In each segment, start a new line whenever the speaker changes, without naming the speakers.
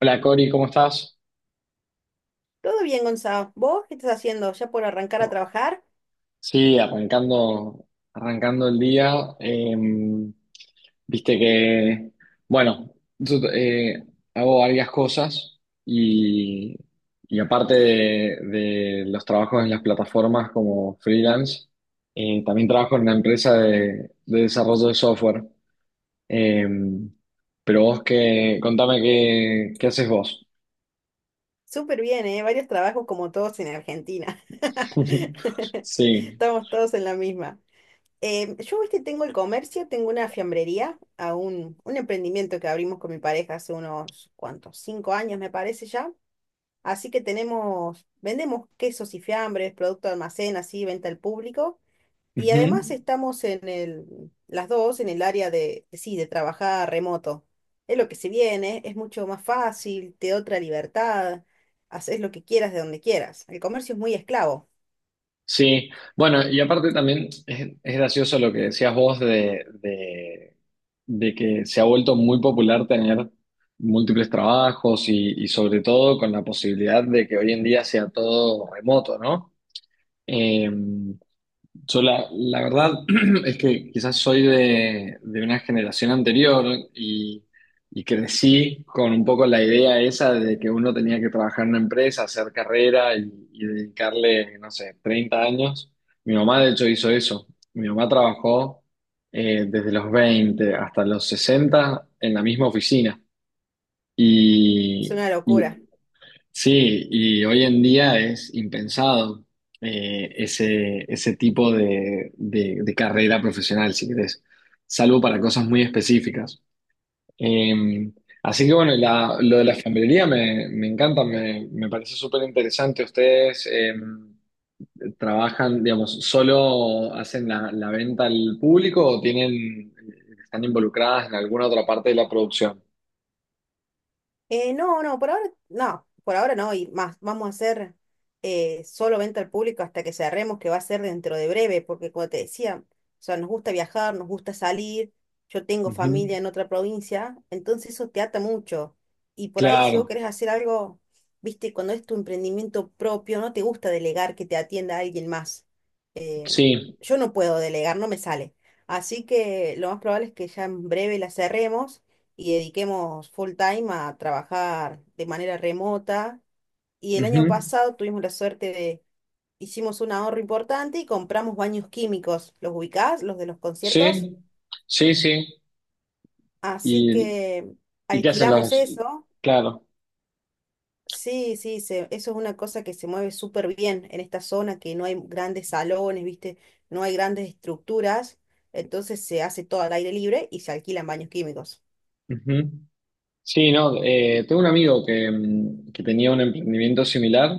Hola Cori, ¿cómo estás?
Todo bien, Gonzalo. ¿Vos qué estás haciendo? ¿Ya por arrancar a trabajar?
Sí, arrancando, arrancando el día. eh, Viste que, bueno, yo hago varias cosas y, y aparte de los trabajos en las plataformas como freelance, también trabajo en una empresa de desarrollo de software. Eh, pero vos, que contame qué, qué haces vos.
Súper bien, ¿eh? Varios trabajos como todos en Argentina.
Sí.
Estamos todos en la misma. Yo, viste, tengo el comercio, tengo una fiambrería, un emprendimiento que abrimos con mi pareja hace unos, ¿cuántos? 5 años, me parece ya. Así que tenemos, vendemos quesos y fiambres, producto de almacén, así, venta al público. Y además
Ujú.
estamos en las dos en el área de, sí, de trabajar remoto. Es lo que se viene, es mucho más fácil, te da otra libertad, haces lo que quieras de donde quieras. El comercio es muy esclavo,
Sí, bueno, y aparte también es gracioso lo que decías vos de que se ha vuelto muy popular tener múltiples trabajos y sobre todo con la posibilidad de que hoy en día sea todo remoto, ¿no? Eh, yo la, la verdad es que quizás soy de una generación anterior y, y crecí con un poco la idea esa de que uno tenía que trabajar en una empresa, hacer carrera y dedicarle, no sé, 30 años. Mi mamá de hecho hizo eso. Mi mamá trabajó desde los 20 hasta los 60 en la misma oficina.
es
Y,
una
y
locura.
sí, y hoy en día es impensado ese, ese tipo de, de carrera profesional, si querés, salvo para cosas muy específicas. Eh, Así que bueno, y lo de la alfambrería me, me encanta, me parece súper interesante. Ustedes trabajan, digamos, ¿solo hacen la, la venta al público o tienen, están involucradas en alguna otra parte de la producción?
No, no, por ahora no, por ahora no, y más, vamos a hacer solo venta al público hasta que cerremos, que va a ser dentro de breve, porque como te decía, o sea, nos gusta viajar, nos gusta salir, yo tengo
Ujú.
familia en otra provincia, entonces eso te ata mucho. Y por ahí si vos
Claro,
querés hacer algo, viste, cuando es tu emprendimiento propio, no te gusta delegar que te atienda alguien más. Eh,
sí.
yo no puedo delegar, no me sale. Así que lo más probable es que ya en breve la cerremos y dediquemos full time a trabajar de manera remota. Y el año
Ujú.
pasado tuvimos la suerte de, hicimos un ahorro importante y compramos baños químicos, ¿los ubicás? Los de los conciertos.
Sí, sí, sí.
Así
¿Y,
que
y qué hacen
alquilamos
los...?
eso.
Claro.
Sí, sí, eso es una cosa que se mueve súper bien en esta zona, que no hay grandes salones, ¿viste? No hay grandes estructuras. Entonces se hace todo al aire libre y se alquilan baños químicos.
Ujú. Sí, no, tengo un amigo que, que tenía un emprendimiento similar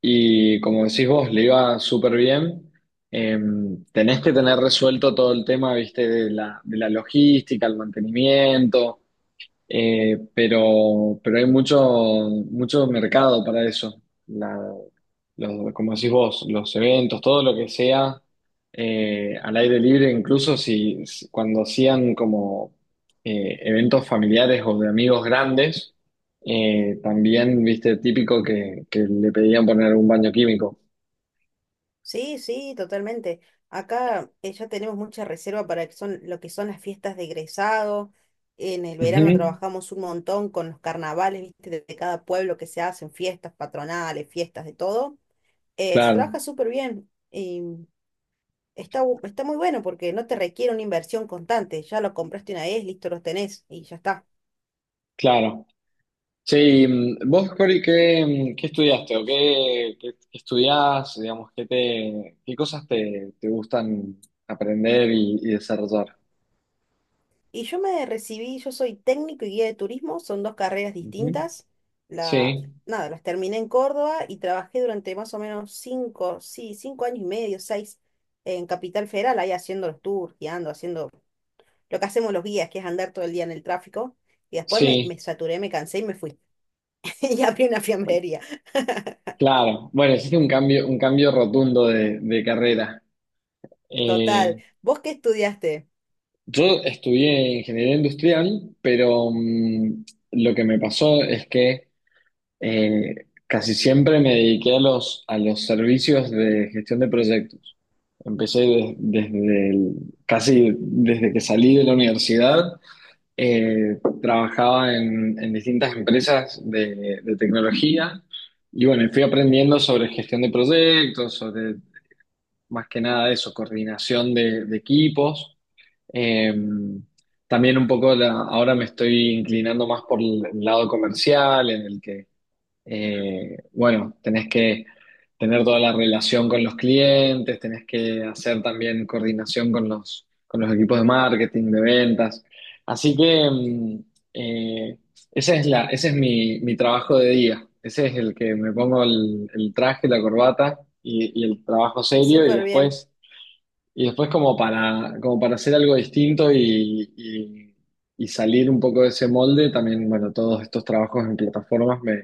y como decís vos, le iba súper bien. Tenés que tener resuelto todo el tema, viste, de la logística, el mantenimiento, pero hay mucho, mucho mercado para eso. La- Como decís vos, los eventos, todo lo que sea al aire libre, incluso si, cuando hacían como eventos familiares o de amigos grandes, también, viste, típico que le pedían poner un baño químico.
Sí, sí, totalmente. Acá ya tenemos mucha reserva para que son, lo que son las fiestas de egresado. En el verano
Ujú,
trabajamos un montón con los carnavales, ¿viste? De cada pueblo que se hacen, fiestas patronales, fiestas de todo. Se trabaja
claro,
súper bien y está, está muy bueno porque no te requiere una inversión constante. Ya lo compraste una vez, listo, los tenés y ya está.
claro. Sí, vos, Cori, ¿qué, qué estudiaste o qué, qué estudiás? Digamos, ¿qué te, qué cosas te, te gustan aprender y desarrollar?
Y yo me recibí, yo soy técnico y guía de turismo, son dos carreras
Ujú,
distintas. Las,
sí.
nada, las terminé en Córdoba y trabajé durante más o menos cinco, sí, 5 años y medio, seis, en Capital Federal, ahí haciendo los tours, guiando, haciendo lo que hacemos los guías, que es andar todo el día en el tráfico. Y después
Sí,
me saturé, me cansé y me fui. Y abrí una fiambrería.
claro. Bueno, existe un cambio rotundo de carrera.
Total.
Eh,
¿Vos qué estudiaste?
yo estudié ingeniería industrial, pero lo que me pasó es que eh, casi siempre me dediqué a los servicios de gestión de proyectos. Empecé desde casi desde que salí de la universidad. Trabajaba en distintas empresas de tecnología y bueno, fui aprendiendo sobre gestión de proyectos, sobre más que nada eso, coordinación de equipos. Eh, También un poco ahora me estoy inclinando más por el lado comercial, en el que bueno, tenés que tener toda la relación con los clientes, tenés que hacer también coordinación con los equipos de marketing, de ventas. Así que eh, ese es la, ese es mi, mi trabajo de día. Ese es el que me pongo el traje, la corbata y el trabajo serio. Y
Súper bien.
después y después como para, como para hacer algo distinto y, y salir un poco de ese molde, también, bueno, todos estos trabajos en plataformas me,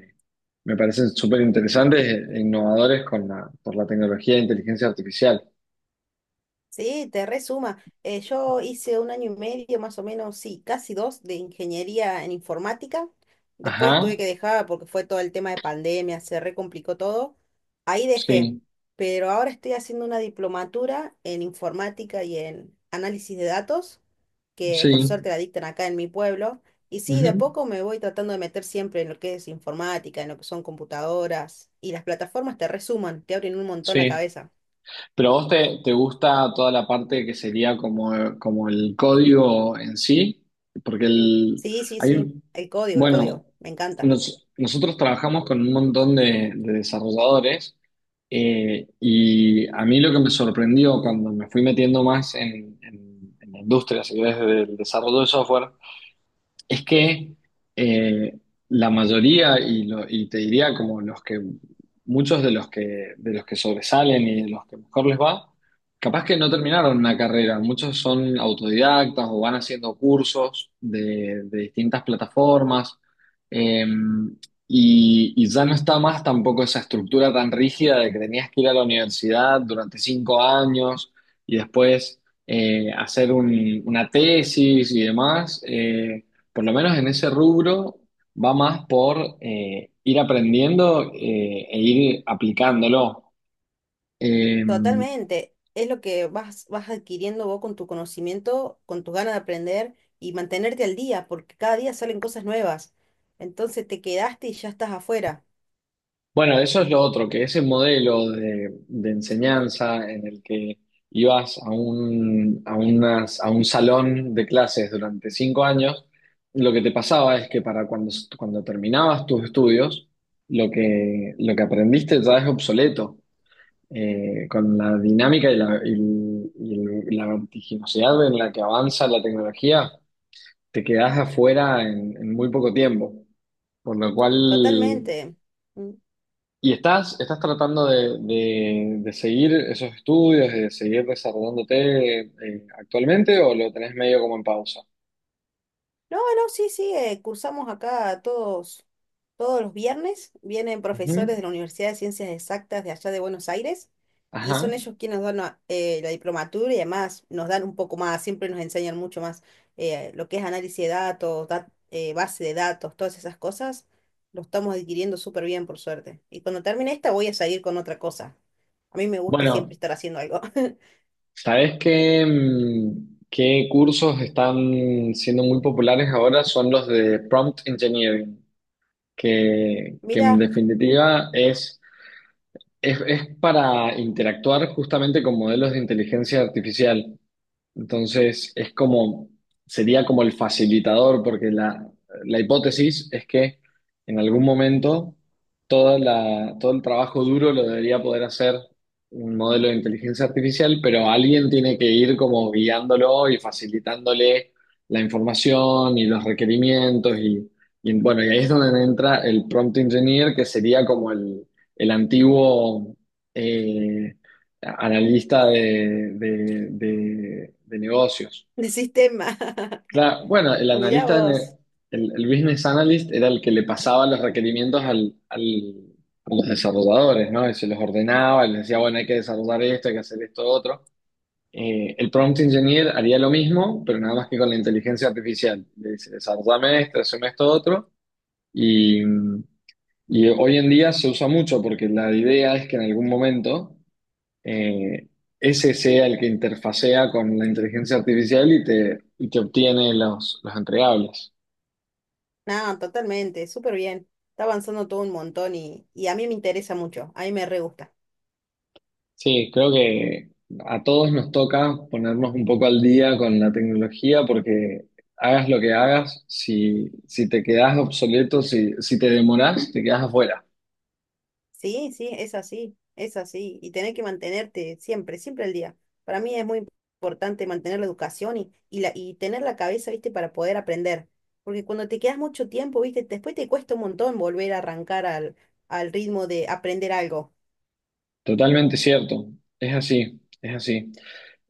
me parecen súper interesantes e innovadores con la, por la tecnología de inteligencia artificial.
Sí, te resuma. Yo hice un año y medio, más o menos, sí, casi dos, de ingeniería en informática. Después
Ajá,
tuve que dejar porque fue todo el tema de pandemia, se recomplicó todo. Ahí dejé,
sí,
pero ahora estoy haciendo una diplomatura en informática y en análisis de datos, que por
sí,
suerte la dictan acá en mi pueblo. Y sí, de a
ujú,
poco me voy tratando de meter siempre en lo que es informática, en lo que son computadoras, y las plataformas te resuman, te abren un montón la
sí.
cabeza.
Pero a vos te, te gusta toda la parte que sería como, como el código en sí, porque el,
Sí, sí,
hay,
sí, el
bueno,
código, me encanta.
nosotros trabajamos con un montón de desarrolladores y a mí lo que me sorprendió cuando me fui metiendo más en, en la industria, si querés, del desarrollo de software, es que eh, la mayoría, y, y te diría como los que, muchos de los que sobresalen y de los que mejor les va, capaz que no terminaron una carrera, muchos son autodidactas o van haciendo cursos de distintas plataformas, eh, y ya no está más tampoco esa estructura tan rígida de que tenías que ir a la universidad durante 5 años y después hacer una tesis y demás. Por lo menos en ese rubro, va más por ir aprendiendo e ir aplicándolo. Eh,
Totalmente, es lo que vas adquiriendo vos con tu conocimiento, con tus ganas de aprender y mantenerte al día, porque cada día salen cosas nuevas. Entonces te quedaste y ya estás afuera.
bueno, eso es lo otro, que ese modelo de enseñanza en el que ibas a un, a a un salón de clases durante 5 años, lo que te pasaba es que para cuando, cuando terminabas tus estudios, lo que aprendiste ya es obsoleto. Con la dinámica y la, y la vertiginosidad en la que avanza la tecnología, te quedás afuera en muy poco tiempo. Por lo cual,
Totalmente. Mm.
y estás, estás tratando de, de seguir esos estudios, de seguir desarrollándote actualmente, o lo tenés medio como en pausa.
No, no, sí, sí, cursamos acá todos los viernes. Vienen profesores de
Ujú.
la Universidad de Ciencias Exactas de allá de Buenos Aires y
Ajá.
son ellos quienes nos dan la diplomatura y además nos dan un poco más, siempre nos enseñan mucho más lo que es análisis de datos, base de datos, todas esas cosas. Lo estamos adquiriendo súper bien, por suerte. Y cuando termine esta voy a seguir con otra cosa. A mí me gusta siempre
Bueno,
estar haciendo algo.
¿sabés qué, qué cursos están siendo muy populares ahora? Son los de prompt engineering. Que
Mirá,
en definitiva es para interactuar justamente con modelos de inteligencia artificial. Entonces, es como, sería como el facilitador, porque la hipótesis es que en algún momento toda la, todo el trabajo duro lo debería poder hacer un modelo de inteligencia artificial, pero alguien tiene que ir como guiándolo y facilitándole la información y los requerimientos y bueno, y ahí es donde entra el prompt engineer, que sería como el antiguo... eh, analista de, de negocios.
de sistema.
Claro, bueno, el
Mirá
analista,
vos.
el business analyst era el que le pasaba los requerimientos al, a los desarrolladores, ¿no? Y se los ordenaba, y les decía, bueno, hay que desarrollar esto, hay que hacer esto, otro. El prompt engineer haría lo mismo, pero nada más que con la inteligencia artificial. Le dice, desarrollame esto, hazme esto, otro. Y, y hoy en día se usa mucho porque la idea es que en algún momento eh, ese sea el que interfacea con la inteligencia artificial y te obtiene los entregables.
No, totalmente, súper bien. Está avanzando todo un montón y a mí me interesa mucho, a mí me re gusta.
Sí, creo que a todos nos toca ponernos un poco al día con la tecnología porque hagas lo que hagas, si, si te quedás obsoleto, si, si te demorás, te quedás afuera.
Sí, sí, es así, es así. Y tener que mantenerte siempre, siempre al día. Para mí es muy importante mantener la educación y tener la cabeza, ¿viste? Para poder aprender. Porque cuando te quedas mucho tiempo, ¿viste? Después te cuesta un montón volver a arrancar al ritmo de aprender algo.
Totalmente cierto, es así, es así.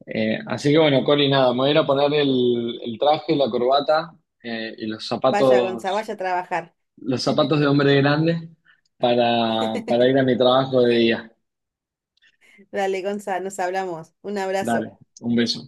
Así que bueno, Cori, nada, me voy a ir a poner el traje, la corbata y los
Vaya, Gonza,
zapatos,
vaya a trabajar.
los zapatos de hombre grande para ir a mi trabajo de día.
Dale, Gonza, nos hablamos. Un abrazo.
Dale, un beso.